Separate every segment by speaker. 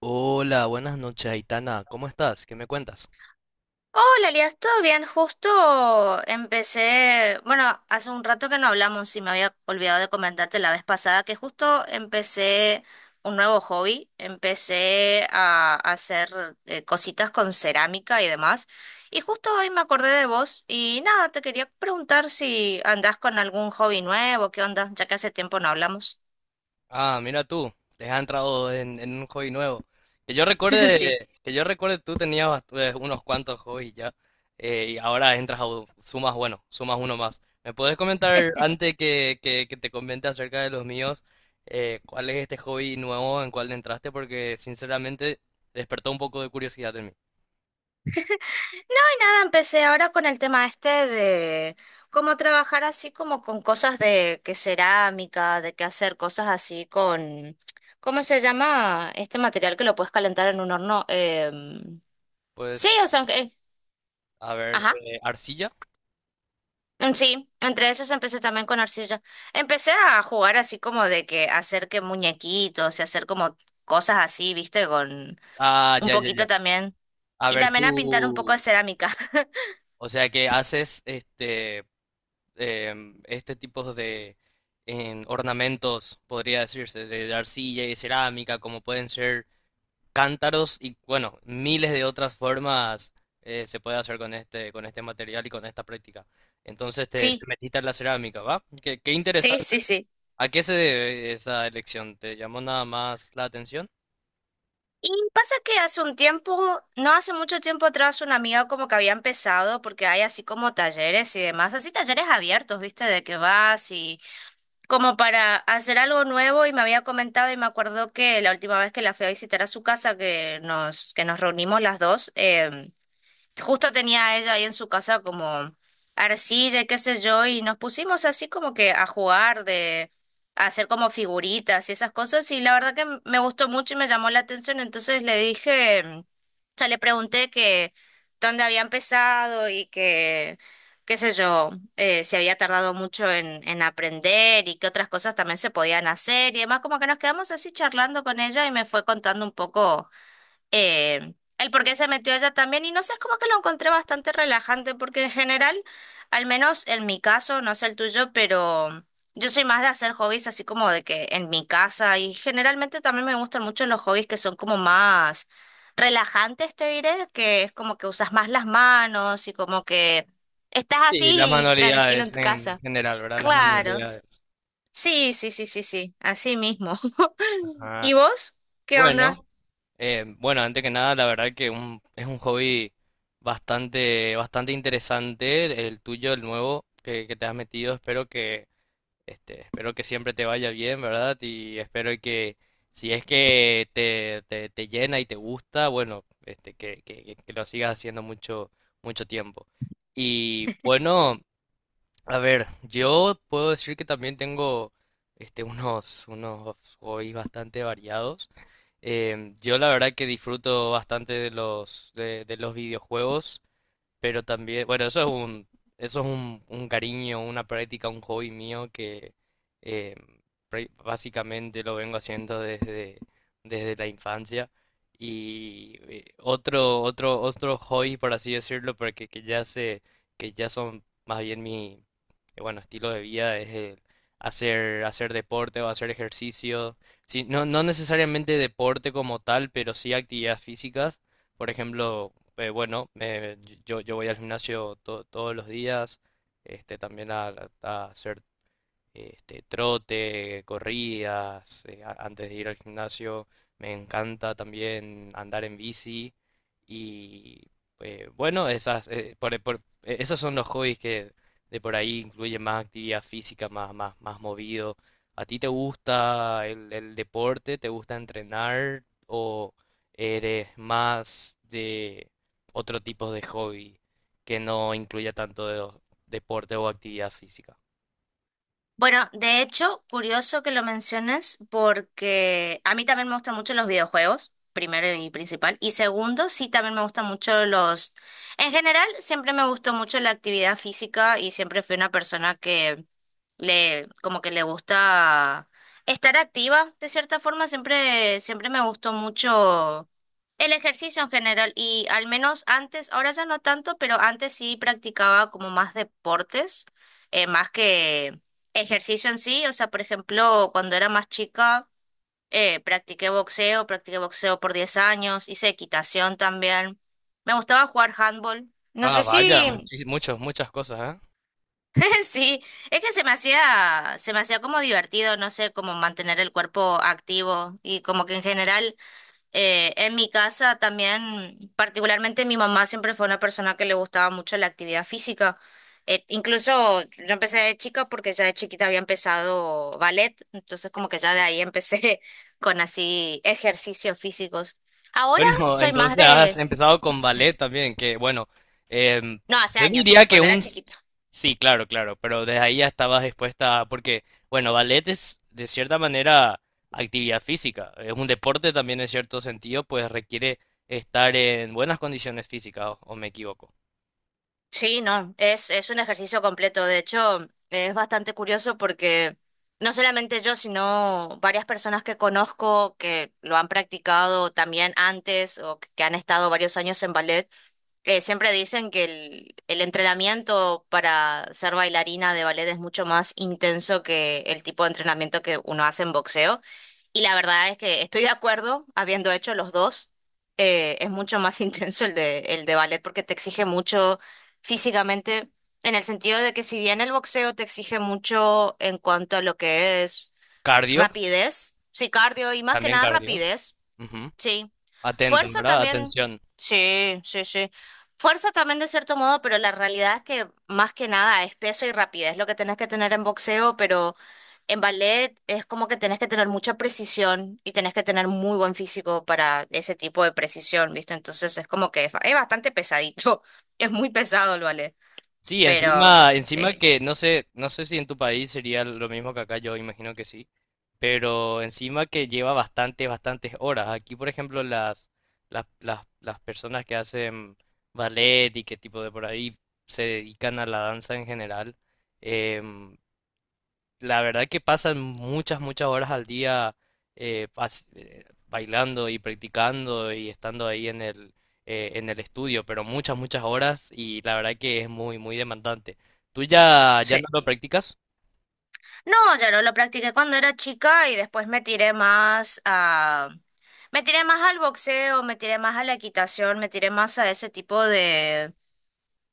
Speaker 1: Hola, buenas noches, Aitana. ¿Cómo estás? ¿Qué me cuentas?
Speaker 2: Hola, Elias, ¿todo bien? Justo empecé, bueno, hace un rato que no hablamos y me había olvidado de comentarte la vez pasada que justo empecé un nuevo hobby, empecé a hacer cositas con cerámica y demás. Y justo hoy me acordé de vos y nada, te quería preguntar si andás con algún hobby nuevo, ¿qué onda? Ya que hace tiempo no hablamos.
Speaker 1: Ah, mira tú, te has entrado en un hobby nuevo.
Speaker 2: Sí.
Speaker 1: Que yo recuerde tú tenías unos cuantos hobbies ya, y ahora entras a sumas, bueno, sumas uno más. ¿Me puedes comentar antes que te comente acerca de los míos, cuál es este hobby nuevo en cuál entraste? Porque sinceramente despertó un poco de curiosidad en mí.
Speaker 2: Nada, empecé ahora con el tema este de cómo trabajar así como con cosas de que cerámica, de que hacer cosas así con, ¿cómo se llama? Este material que lo puedes calentar en un horno. Sí,
Speaker 1: Pues,
Speaker 2: o sea,
Speaker 1: a ver,
Speaker 2: ajá.
Speaker 1: arcilla.
Speaker 2: Sí, entre esos empecé también con arcilla. Empecé a jugar así como de que hacer que muñequitos y hacer como cosas así, ¿viste? Con
Speaker 1: Ah,
Speaker 2: un
Speaker 1: ya, ya, ya.
Speaker 2: poquito también.
Speaker 1: A
Speaker 2: Y
Speaker 1: ver,
Speaker 2: también a pintar un poco
Speaker 1: tú.
Speaker 2: de cerámica.
Speaker 1: O sea que haces este tipo de ornamentos, podría decirse, de arcilla y cerámica, como pueden ser cántaros y bueno, miles de otras formas se puede hacer con este material y con esta práctica. Entonces te
Speaker 2: Sí,
Speaker 1: metiste en la cerámica, ¿va? Qué, qué
Speaker 2: sí,
Speaker 1: interesante.
Speaker 2: sí, sí.
Speaker 1: ¿A qué se debe esa elección? ¿Te llamó nada más la atención?
Speaker 2: Y pasa que hace un tiempo, no hace mucho tiempo atrás, una amiga como que había empezado, porque hay así como talleres y demás, así talleres abiertos, ¿viste? De que vas y como para hacer algo nuevo y me había comentado y me acuerdo que la última vez que la fui a visitar a su casa, que nos reunimos las dos, justo tenía ella ahí en su casa como arcilla y qué sé yo, y nos pusimos así como que a jugar, de a hacer como figuritas y esas cosas, y la verdad que me gustó mucho y me llamó la atención, entonces le dije, o sea, le pregunté que dónde había empezado y que, qué sé yo, si había tardado mucho en aprender y qué otras cosas también se podían hacer y demás, como que nos quedamos así charlando con ella y me fue contando un poco el por qué se metió ella también. Y no sé, es como que lo encontré bastante relajante, porque en general, al menos en mi caso, no sé el tuyo, pero yo soy más de hacer hobbies así como de que en mi casa. Y generalmente también me gustan mucho los hobbies que son como más relajantes, te diré, que es como que usas más las manos y como que estás
Speaker 1: Sí, las
Speaker 2: así tranquilo en
Speaker 1: manualidades
Speaker 2: tu
Speaker 1: en
Speaker 2: casa.
Speaker 1: general, ¿verdad? Las
Speaker 2: Claro.
Speaker 1: manualidades.
Speaker 2: Sí, sí, sí, sí, sí, así mismo.
Speaker 1: Ajá.
Speaker 2: ¿Y vos? ¿Qué onda?
Speaker 1: Bueno. Bueno, antes que nada, la verdad que es un hobby bastante, bastante interesante, el tuyo, el nuevo que te has metido. Espero que, espero que siempre te vaya bien, ¿verdad? Y espero que si es que te llena y te gusta, bueno, que lo sigas haciendo mucho, mucho tiempo. Y bueno. A ver, yo puedo decir que también tengo unos hobbies bastante variados. Yo la verdad que disfruto bastante de los videojuegos. Pero también, bueno, eso es un cariño, una práctica, un hobby mío que eh, básicamente lo vengo haciendo desde, desde la infancia. Y otro hobby, por así decirlo, pero que ya son más bien mi, bueno, estilo de vida, es el hacer, hacer deporte o hacer ejercicio. Sí, no, no necesariamente deporte como tal, pero sí actividades físicas. Por ejemplo, yo voy al gimnasio todos los días, también a hacer trote, corridas, antes de ir al gimnasio. Me encanta también andar en bici. Y eh, bueno, esas, eh, por- por- esos son los hobbies que de por ahí incluyen más actividad física, más, más, más movido. ¿A ti te gusta el deporte? ¿Te gusta entrenar? ¿O eres más de otro tipo de hobby que no incluya tanto deporte o actividad física?
Speaker 2: Bueno, de hecho, curioso que lo menciones porque a mí también me gustan mucho los videojuegos, primero y principal. Y segundo, sí, también me gustan mucho los... En general, siempre me gustó mucho la actividad física y siempre fui una persona que como que le gusta estar activa, de cierta forma. Siempre, siempre me gustó mucho el ejercicio en general y al menos antes, ahora ya no tanto, pero antes sí practicaba como más deportes, más que ejercicio en sí, o sea, por ejemplo, cuando era más chica, practiqué boxeo por 10 años, hice equitación también. Me gustaba jugar handball. No
Speaker 1: Ah,
Speaker 2: sé
Speaker 1: vaya,
Speaker 2: si,
Speaker 1: muchos, muchas cosas, ¿eh?
Speaker 2: sí, es que se me hacía como divertido, no sé, como mantener el cuerpo activo y como que en general en mi casa también, particularmente mi mamá siempre fue una persona que le gustaba mucho la actividad física. Incluso yo empecé de chica porque ya de chiquita había empezado ballet, entonces como que ya de ahí empecé con así ejercicios físicos. Ahora
Speaker 1: Bueno,
Speaker 2: soy más
Speaker 1: entonces has
Speaker 2: de,
Speaker 1: empezado con ballet también, que bueno, em,
Speaker 2: no, hace
Speaker 1: yo
Speaker 2: años,
Speaker 1: diría que
Speaker 2: cuando era
Speaker 1: un...
Speaker 2: chiquita.
Speaker 1: Sí, claro, claro, pero desde ahí ya estabas expuesta, porque bueno, ballet es de cierta manera actividad física, es un deporte también en cierto sentido, pues requiere estar en buenas condiciones físicas, o me equivoco.
Speaker 2: Sí, no, es un ejercicio completo. De hecho, es bastante curioso porque no solamente yo, sino varias personas que conozco que lo han practicado también antes o que han estado varios años en ballet, siempre dicen que el entrenamiento para ser bailarina de ballet es mucho más intenso que el tipo de entrenamiento que uno hace en boxeo. Y la verdad es que estoy de acuerdo, habiendo hecho los dos, es mucho más intenso el de ballet porque te exige mucho físicamente, en el sentido de que si bien el boxeo te exige mucho en cuanto a lo que es
Speaker 1: Cardio,
Speaker 2: rapidez, sí, cardio y más que
Speaker 1: también
Speaker 2: nada
Speaker 1: cardio.
Speaker 2: rapidez,
Speaker 1: Ujú.
Speaker 2: sí.
Speaker 1: Atento,
Speaker 2: Fuerza
Speaker 1: ¿verdad?
Speaker 2: también,
Speaker 1: Atención.
Speaker 2: sí, sí, sí. Fuerza también de cierto modo, pero la realidad es que más que nada es peso y rapidez lo que tenés que tener en boxeo, pero en ballet es como que tenés que tener mucha precisión y tenés que tener muy buen físico para ese tipo de precisión, ¿viste? Entonces es como que es bastante pesadito, es muy pesado el ballet.
Speaker 1: Sí,
Speaker 2: Pero
Speaker 1: encima,
Speaker 2: sí,
Speaker 1: encima que no sé, no sé si en tu país sería lo mismo que acá, yo imagino que sí, pero encima que lleva bastantes, bastantes horas. Aquí, por ejemplo, las personas que hacen ballet y qué tipo de por ahí se dedican a la danza en general, em, la verdad que pasan muchas, muchas horas al día bailando y practicando y estando ahí en el estudio, pero muchas, muchas horas y la verdad que es muy, muy demandante. ¿Tú ya
Speaker 2: sí.
Speaker 1: no lo practicas?
Speaker 2: No, ya no lo practiqué cuando era chica y después me tiré más a... Me tiré más al boxeo, me tiré más a la equitación, me tiré más a ese tipo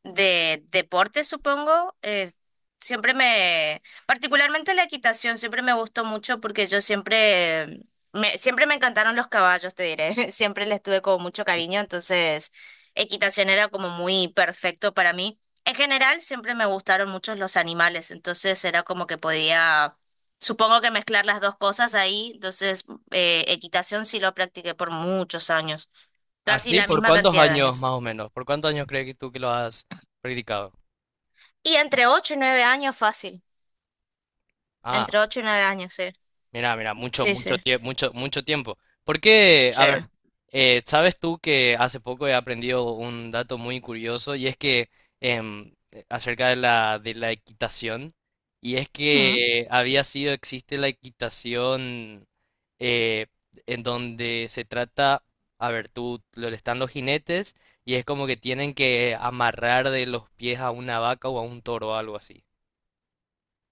Speaker 2: de deporte, supongo, siempre me, particularmente la equitación, siempre me gustó mucho porque yo siempre, siempre me encantaron los caballos, te diré, siempre les tuve como mucho cariño, entonces equitación era como muy perfecto para mí. En general, siempre me gustaron mucho los animales, entonces era como que podía, supongo que mezclar las dos cosas ahí, entonces equitación sí lo practiqué por muchos años, casi
Speaker 1: ¿Así?
Speaker 2: la
Speaker 1: ¿Por
Speaker 2: misma
Speaker 1: cuántos
Speaker 2: cantidad de
Speaker 1: años
Speaker 2: años.
Speaker 1: más o menos? ¿Por cuántos años crees que tú que lo has practicado?
Speaker 2: Y entre 8 y 9 años fácil.
Speaker 1: Ah,
Speaker 2: Entre 8 y 9 años, sí.
Speaker 1: mira, mira, mucho,
Speaker 2: Sí,
Speaker 1: mucho
Speaker 2: sí,
Speaker 1: tiempo, mucho, mucho tiempo. Porque,
Speaker 2: sí.
Speaker 1: a ver, sabes tú que hace poco he aprendido un dato muy curioso y es que acerca de de la equitación, y es
Speaker 2: Mm.
Speaker 1: que había sido, existe la equitación eh, en donde se trata, a ver, tú, están los jinetes y es como que tienen que amarrar de los pies a una vaca o a un toro o algo así.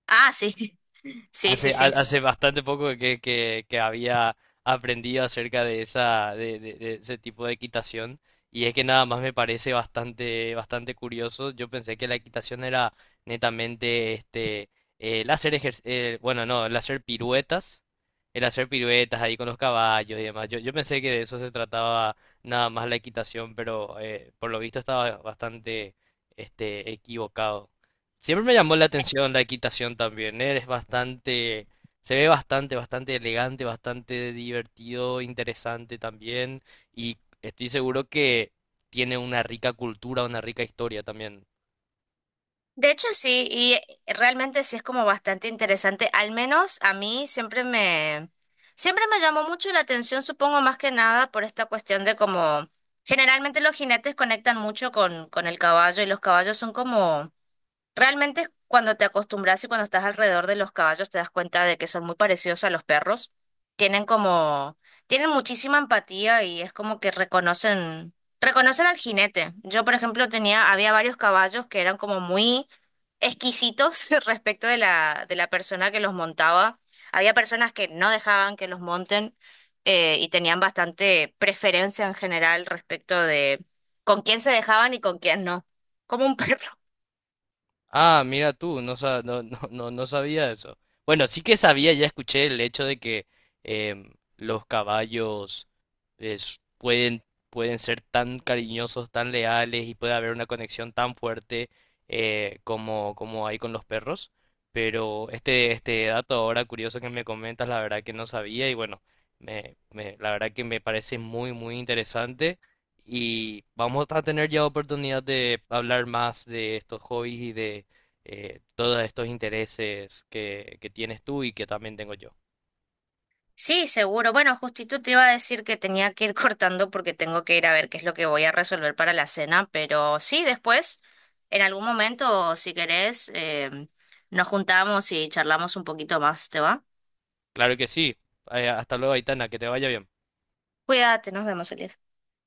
Speaker 2: Ah, sí, sí, sí,
Speaker 1: Hace,
Speaker 2: sí.
Speaker 1: hace bastante poco que había aprendido acerca de esa, de ese tipo de equitación. Y es que nada más me parece bastante, bastante curioso. Yo pensé que la equitación era netamente el hacer ejer- bueno, no, el hacer piruetas ahí con los caballos y demás. Yo pensé que de eso se trataba nada más la equitación, pero por lo visto estaba bastante equivocado. Siempre me llamó la atención la equitación también, ¿eh? Eres bastante, se ve bastante, bastante elegante, bastante divertido, interesante también. Y estoy seguro que tiene una rica cultura, una rica historia también.
Speaker 2: De hecho, sí, y realmente sí es como bastante interesante. Al menos a mí siempre me llamó mucho la atención, supongo más que nada por esta cuestión de como, generalmente los jinetes conectan mucho con el caballo y los caballos son como realmente cuando te acostumbras y cuando estás alrededor de los caballos te das cuenta de que son muy parecidos a los perros. Tienen como, tienen muchísima empatía y es como que reconocen, reconocen al jinete. Yo, por ejemplo, tenía, había varios caballos que eran como muy exquisitos respecto de de la persona que los montaba. Había personas que no dejaban que los monten y tenían bastante preferencia en general respecto de con quién se dejaban y con quién no. Como un perro.
Speaker 1: Ah, mira tú, no, no, no, no, no sabía eso. Bueno, sí que sabía, ya escuché el hecho de que em, los caballos pueden, pueden ser tan cariñosos, tan leales y puede haber una conexión tan fuerte como, como hay con los perros. Pero este dato ahora curioso que me comentas, la verdad que no sabía y bueno, la verdad que me parece muy, muy interesante. Y vamos a tener ya oportunidad de hablar más de estos hobbies y de todos estos intereses que tienes tú y que también tengo yo.
Speaker 2: Sí, seguro. Bueno, justito te iba a decir que tenía que ir cortando porque tengo que ir a ver qué es lo que voy a resolver para la cena, pero sí, después, en algún momento, si querés, nos juntamos y charlamos un poquito más, ¿te va?
Speaker 1: Claro que sí. Hasta luego, Aitana, que te vaya bien.
Speaker 2: Cuídate, nos vemos, Elías.